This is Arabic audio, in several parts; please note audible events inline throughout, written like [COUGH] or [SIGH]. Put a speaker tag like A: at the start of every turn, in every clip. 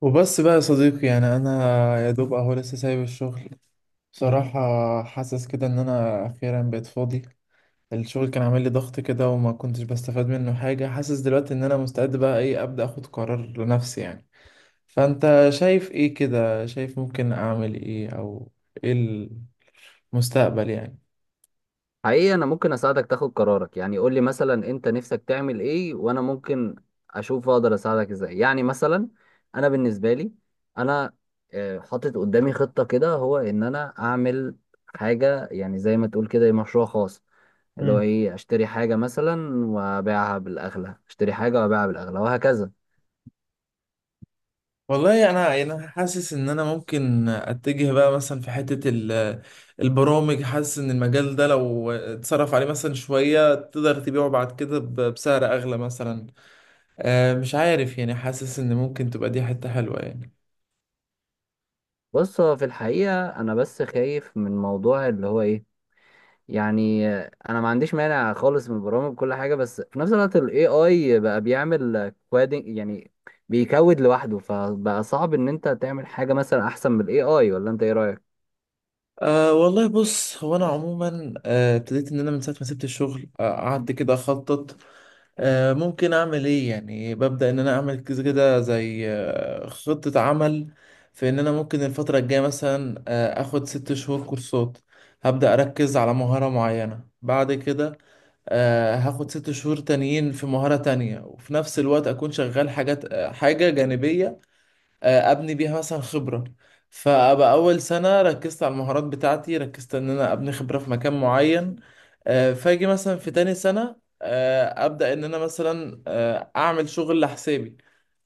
A: وبس بقى يا صديقي، يعني انا يا دوب اهو لسه سايب الشغل بصراحة. حاسس كده ان انا اخيرا بقيت فاضي. الشغل كان عامل لي ضغط كده وما كنتش بستفاد منه حاجة. حاسس دلوقتي ان انا مستعد بقى ايه، ابدأ اخد قرار لنفسي يعني. فانت شايف ايه كده؟ شايف ممكن اعمل ايه، او ايه المستقبل يعني؟
B: حقيقي انا ممكن اساعدك تاخد قرارك. يعني قول لي مثلا انت نفسك تعمل ايه، وانا ممكن اشوف اقدر اساعدك ازاي. يعني مثلا انا بالنسبه لي، انا حاطط قدامي خطه كده، هو ان انا اعمل حاجه يعني زي ما تقول كده مشروع خاص، اللي هو ايه؟ اشتري حاجه مثلا وابيعها بالاغلى، اشتري حاجه وابيعها بالاغلى، وهكذا.
A: والله يعني انا، يعني انا حاسس ان انا ممكن اتجه بقى مثلا في حتة البرامج. حاسس ان المجال ده لو اتصرف عليه مثلا شوية تقدر تبيعه بعد كده بسعر اغلى مثلا. مش عارف يعني، حاسس ان ممكن تبقى دي حتة حلوة يعني.
B: بص، هو في الحقيقه انا بس خايف من موضوع، اللي هو ايه؟ يعني انا ما عنديش مانع خالص من البرامج وكل حاجه، بس في نفس الوقت الاي اي بقى بيعمل كوادنج يعني، بيكود لوحده، فبقى صعب ان انت تعمل حاجه مثلا احسن من الاي اي. ولا انت ايه رايك؟
A: أه والله بص، هو انا عموما ابتديت ان انا من ساعه ما سبت الشغل قعدت كده اخطط ممكن اعمل ايه يعني. ببدأ ان انا اعمل كذا كده زي خطة عمل في ان انا ممكن الفترة الجاية مثلا اخد ست شهور كورسات. هبدأ اركز على مهارة معينة، بعد كده هاخد ست شهور تانيين في مهارة تانية، وفي نفس الوقت اكون شغال حاجات حاجة جانبية ابني بيها مثلا خبره. فابقى اول سنه ركزت على المهارات بتاعتي، ركزت ان انا ابني خبره في مكان معين. فاجي مثلا في تاني سنه ابدا ان انا مثلا اعمل شغل لحسابي.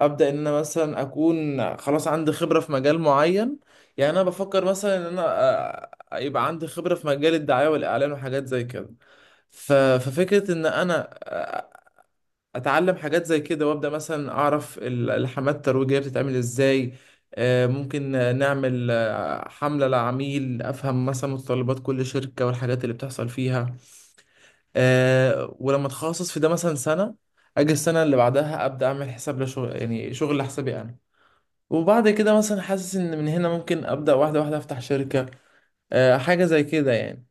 A: ابدا ان انا مثلا اكون خلاص عندي خبره في مجال معين. يعني انا بفكر مثلا ان انا يبقى عندي خبره في مجال الدعايه والاعلان وحاجات زي كده. ففكرة ان انا اتعلم حاجات زي كده وابدا مثلا اعرف الحملات الترويجيه بتتعمل ازاي. آه، ممكن آه، نعمل حمله لعميل، افهم مثلا متطلبات كل شركه والحاجات اللي بتحصل فيها. ولما اتخصص في ده مثلا سنه، اجي السنه اللي بعدها ابدا اعمل حساب لشغل، يعني شغل لحسابي انا. وبعد كده مثلا حاسس ان من هنا ممكن ابدا واحده واحده افتح شركه، حاجه زي كده يعني.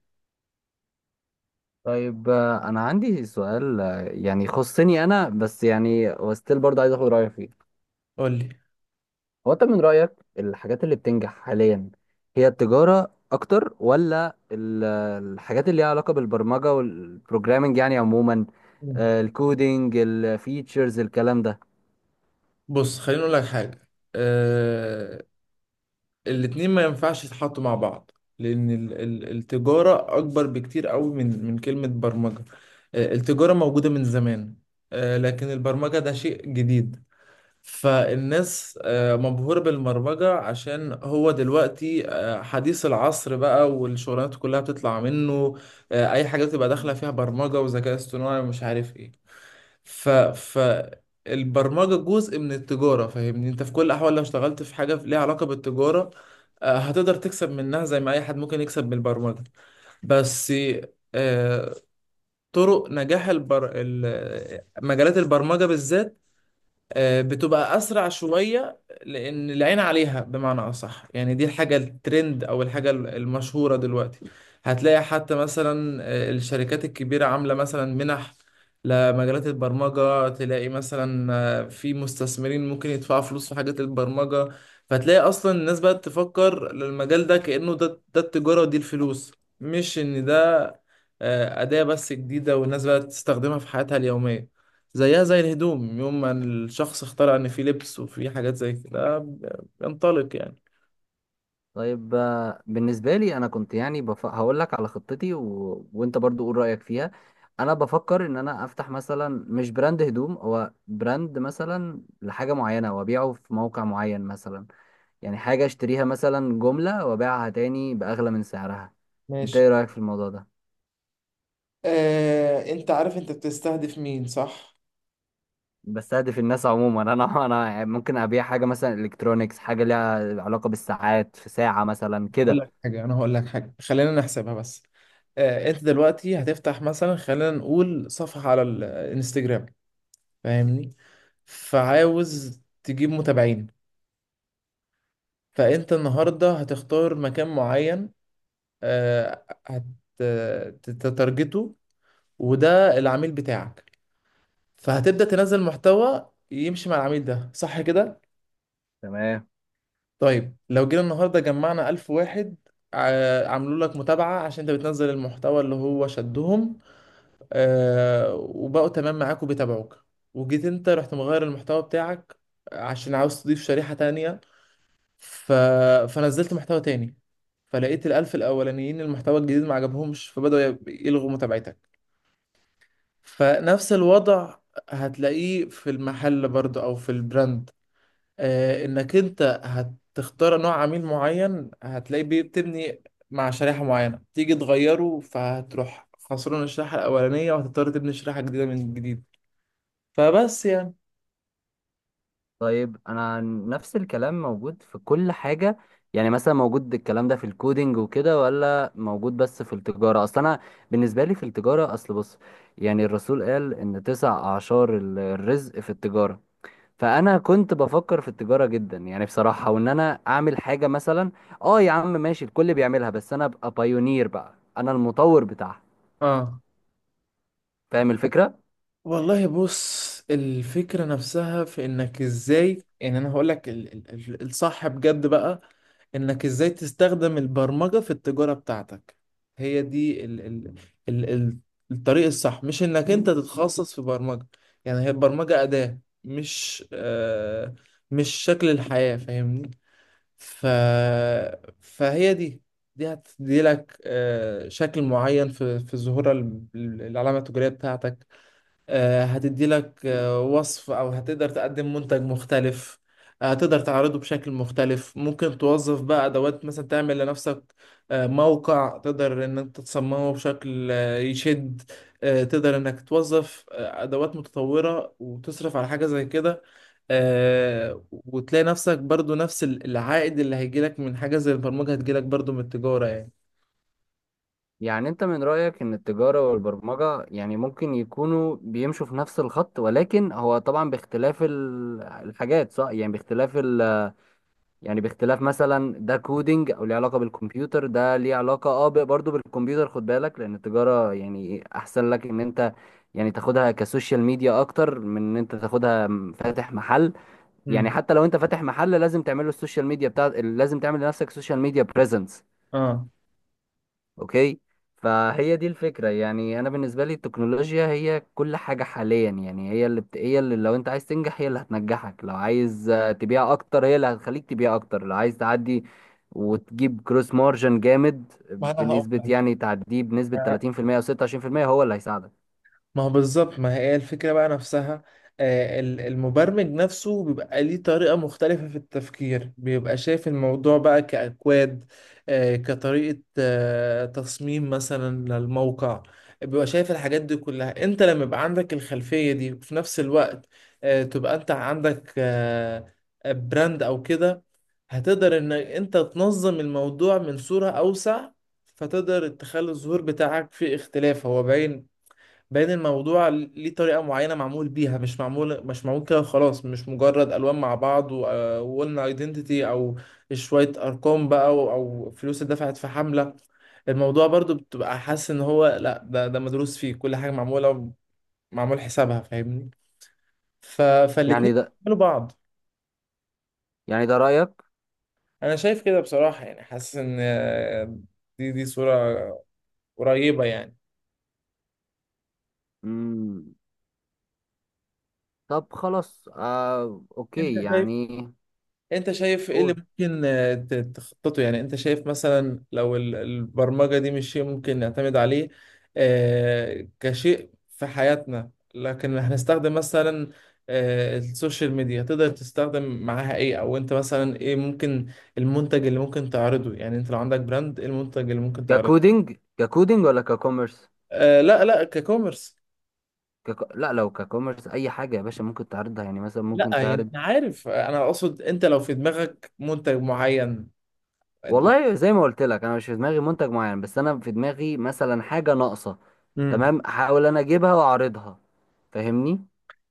B: طيب، انا عندي سؤال يعني يخصني انا بس، يعني وستيل برضه عايز اخد رايك فيه.
A: قول لي.
B: هو انت من رأيك الحاجات اللي بتنجح حاليا هي التجارة اكتر ولا الحاجات اللي ليها علاقة بالبرمجة والبروجرامنج يعني عموما؟
A: مم.
B: الكودينج، الفيتشرز، الكلام ده.
A: بص، خليني اقول لك حاجه. آه، الاتنين ما ينفعش يتحطوا مع بعض، لأن التجارة أكبر بكتير قوي من كلمة برمجة. التجارة موجودة من زمان، لكن البرمجة ده شيء جديد. فالناس مبهورة بالبرمجة عشان هو دلوقتي حديث العصر بقى، والشغلانات كلها بتطلع منه. أي حاجة بتبقى داخلة فيها برمجة وذكاء اصطناعي ومش عارف إيه. ف ف البرمجة جزء من التجارة، فاهمني؟ انت في كل الأحوال لو اشتغلت في حاجة ليها علاقة بالتجارة، هتقدر تكسب منها زي ما أي حد ممكن يكسب من البرمجة. بس آه، طرق نجاح مجالات البرمجة بالذات بتبقى اسرع شويه، لان العين عليها، بمعنى اصح يعني دي الحاجه الترند او الحاجه المشهوره دلوقتي. هتلاقي حتى مثلا الشركات الكبيره عامله مثلا منح لمجالات البرمجه، تلاقي مثلا في مستثمرين ممكن يدفعوا فلوس في حاجات البرمجه. فتلاقي اصلا الناس بقت تفكر للمجال ده كانه ده التجاره ودي الفلوس، مش ان ده اداه بس جديده والناس بقت تستخدمها في حياتها اليوميه، زيها زي الهدوم يوم ما الشخص اخترع ان في لبس وفي حاجات زي كده بينطلق يعني.
B: طيب بالنسبة لي انا كنت يعني هقول لك على خطتي وانت برضو قول رأيك فيها. انا بفكر ان انا افتح مثلا، مش براند هدوم، هو براند مثلا لحاجة معينة وابيعه في موقع معين مثلا. يعني حاجة اشتريها مثلا جملة وابيعها تاني بأغلى من سعرها. انت
A: ماشي.
B: ايه رأيك في الموضوع ده؟
A: انت عارف انت بتستهدف مين، صح؟
B: بستهدف الناس عموما [LAUGHS] انا يعني ممكن ابيع حاجة مثلا الكترونيكس، حاجة ليها علاقة بالساعات، في ساعة مثلا
A: هقول
B: كده.
A: لك حاجة، أنا هقول لك حاجة، خلينا نحسبها بس. أنت دلوقتي هتفتح مثلا، خلينا نقول صفحة على الانستجرام، فاهمني؟ فعاوز تجيب متابعين، فأنت النهاردة هتختار مكان معين، آه، هت- تتارجته، وده العميل بتاعك. فهتبدأ تنزل محتوى يمشي مع العميل ده، صح كده؟
B: تمام.
A: طيب لو جينا النهاردة جمعنا ألف واحد عملوا لك متابعة عشان انت بتنزل المحتوى اللي هو شدهم، آه، وبقوا تمام معاك وبيتابعوك، وجيت انت رحت مغير المحتوى بتاعك عشان عاوز تضيف شريحة تانية. ف... فنزلت محتوى تاني، فلقيت الألف الأولانيين المحتوى الجديد ما عجبهمش فبدأوا يلغوا متابعتك. فنفس الوضع هتلاقيه في المحل برضه أو في البراند. انك انت هتختار نوع عميل معين، هتلاقيه بتبني مع شريحة معينة، تيجي تغيره فهتروح خسران الشريحة الأولانية وهتضطر تبني شريحة جديدة من جديد. فبس يعني.
B: طيب انا، نفس الكلام موجود في كل حاجة؟ يعني مثلا موجود الكلام ده في الكودينج وكده، ولا موجود بس في التجارة؟ اصل انا بالنسبة لي في التجارة، اصل بص، يعني الرسول قال ان تسع اعشار الرزق في التجارة. فانا كنت بفكر في التجاره جدا يعني بصراحه، وان انا اعمل حاجه مثلا، اه يا عم ماشي الكل بيعملها، بس انا ابقى بايونير بقى، انا المطور بتاعها.
A: اه
B: فاهم الفكره؟
A: والله بص، الفكرة نفسها في انك ازاي، يعني انا هقولك الصح بجد بقى، انك ازاي تستخدم البرمجة في التجارة بتاعتك. هي دي ال ال ال ال الطريق الصح، مش انك انت تتخصص في برمجة. يعني هي البرمجة أداة، مش آه مش شكل الحياة، فاهمني؟ ف فهي دي، دي هتدي لك آه شكل معين في ظهور العلامة التجارية بتاعتك. هتدي لك وصف، او هتقدر تقدم منتج مختلف. هتقدر تعرضه بشكل مختلف. ممكن توظف بقى ادوات، مثلا تعمل لنفسك موقع تقدر ان انت تصممه بشكل يشد. تقدر انك توظف ادوات متطورة وتصرف على حاجة زي كده. وتلاقي نفسك برضو نفس العائد اللي هيجيلك من حاجة زي البرمجة هتجيلك برضو من التجارة يعني.
B: يعني انت من رايك ان التجاره والبرمجه يعني ممكن يكونوا بيمشوا في نفس الخط، ولكن هو طبعا باختلاف الحاجات، صح؟ يعني باختلاف، يعني باختلاف مثلا ده كودينج او ليه علاقه بالكمبيوتر، ده ليه علاقه اه برضه بالكمبيوتر. خد بالك، لان التجاره يعني احسن لك ان انت يعني تاخدها كسوشيال ميديا، اكتر من ان انت تاخدها فاتح محل. يعني
A: مم.
B: حتى لو انت فاتح محل لازم تعمل له السوشيال ميديا بتاع، لازم تعمل لنفسك سوشيال ميديا بريزنس.
A: اه.
B: اوكي. فهي دي الفكرة، يعني انا بالنسبة لي التكنولوجيا هي كل حاجة حاليا. يعني هي اللي لو انت عايز تنجح هي اللي هتنجحك، لو عايز تبيع اكتر هي اللي هتخليك تبيع اكتر، لو عايز تعدي وتجيب كروس مارجن جامد
A: ما انا
B: بنسبة،
A: هقول
B: يعني تعديه بنسبة
A: لك،
B: 30% او 26%، هو اللي هيساعدك.
A: ما هو بالظبط، ما هي الفكرة بقى نفسها. المبرمج نفسه بيبقى ليه طريقة مختلفة في التفكير، بيبقى شايف الموضوع بقى كأكواد، كطريقة تصميم مثلا للموقع. بيبقى شايف الحاجات دي كلها. انت لما يبقى عندك الخلفية دي وفي نفس الوقت تبقى انت عندك براند او كده، هتقدر ان انت تنظم الموضوع من صورة اوسع. فتقدر تخلي الظهور بتاعك فيه اختلاف، هو باين. باين الموضوع ليه طريقة معينة معمول بيها، مش معمول كده خلاص، مش مجرد ألوان مع بعض وقلنا ايدنتيتي، أو شوية أرقام بقى أو فلوس اتدفعت في حملة. الموضوع برضو بتبقى حاسس إن هو لأ، ده مدروس، فيه كل حاجة معمولة، معمول حسابها، فاهمني؟
B: يعني
A: فالاتنين
B: ده
A: بيكملوا بعض.
B: يعني ده رأيك؟
A: أنا شايف كده بصراحة، يعني حاسس إن دي صورة قريبة يعني.
B: مم. طب خلاص
A: أنت
B: اوكي
A: شايف،
B: يعني.
A: انت شايف ايه اللي
B: قول.
A: ممكن تخططه يعني. انت شايف مثلا لو البرمجة دي مش شيء ممكن نعتمد عليه كشيء في حياتنا، لكن هنستخدم مثلا السوشيال ميديا، تقدر تستخدم معاها ايه؟ او انت مثلا ايه ممكن المنتج اللي ممكن تعرضه؟ يعني انت لو عندك براند، ايه المنتج اللي ممكن تعرضه؟
B: ككودينج ولا ككوميرس؟
A: لا لا، ككوميرس.
B: لا، لو ككوميرس اي حاجه يا باشا ممكن تعرضها. يعني مثلا ممكن
A: لا، يعني
B: تعرض.
A: انا عارف، انا اقصد انت لو في دماغك منتج معين.
B: والله زي ما قلت لك، انا مش في دماغي منتج معين، بس انا في دماغي مثلا حاجه ناقصه.
A: امم.
B: تمام، احاول انا اجيبها واعرضها. فاهمني؟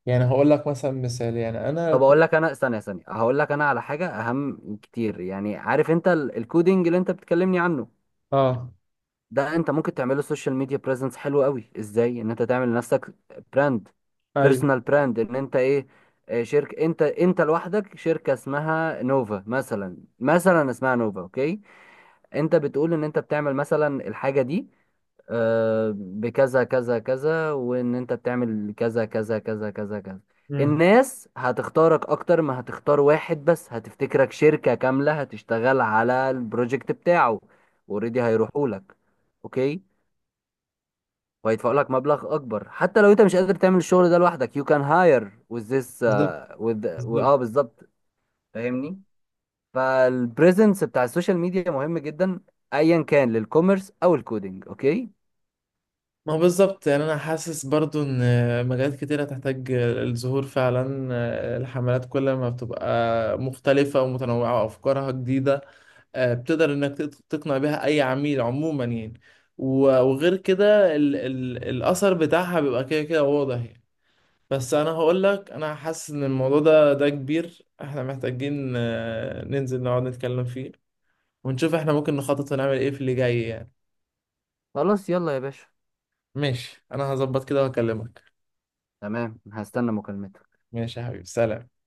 A: يعني هقول لك مثلا مثال، يعني انا.
B: طب اقول لك انا، ثانيه ثانيه، هقول لك انا على حاجه اهم كتير. يعني عارف انت الكودينج اللي انت بتكلمني عنه
A: اه.
B: ده، انت ممكن تعمله سوشيال ميديا بريزنس حلو قوي؟ ازاي ان انت تعمل لنفسك براند،
A: ايوه.
B: بيرسونال براند، ان انت ايه؟ اه، شركة. انت لوحدك شركة اسمها نوفا مثلا، مثلا اسمها نوفا، اوكي؟ انت بتقول ان انت بتعمل مثلا الحاجة دي اه، بكذا كذا كذا، وان انت بتعمل كذا كذا كذا كذا كذا.
A: امم.
B: الناس هتختارك اكتر ما هتختار واحد بس، هتفتكرك شركة كاملة هتشتغل على البروجكت بتاعه. اوريدي هيروحوا لك، اوكي. وهيدفعوا لك مبلغ اكبر، حتى لو انت مش قادر تعمل الشغل ده لوحدك. You can hire with this
A: بالظبط.
B: with اه
A: بالظبط.
B: بالظبط. فاهمني. فالبريزنس بتاع السوشيال ميديا مهم جدا، ايا كان للكوميرس او الكودينج. اوكي.
A: ما هو بالظبط. يعني انا حاسس برضو ان مجالات كتيرة تحتاج الظهور فعلا. الحملات كل ما بتبقى مختلفة ومتنوعة وافكارها جديدة، بتقدر انك تقنع بيها اي عميل عموما يعني. وغير كده ال ال الاثر بتاعها بيبقى كده كده واضح يعني. بس انا هقول لك، انا حاسس ان الموضوع ده كبير، احنا محتاجين ننزل نقعد نتكلم فيه ونشوف احنا ممكن نخطط ونعمل ايه في اللي جاي يعني.
B: خلاص يلا يا باشا.
A: ماشي، انا هظبط كده واكلمك.
B: تمام، هستنى مكالمتك.
A: ماشي يا حبيبي، سلام.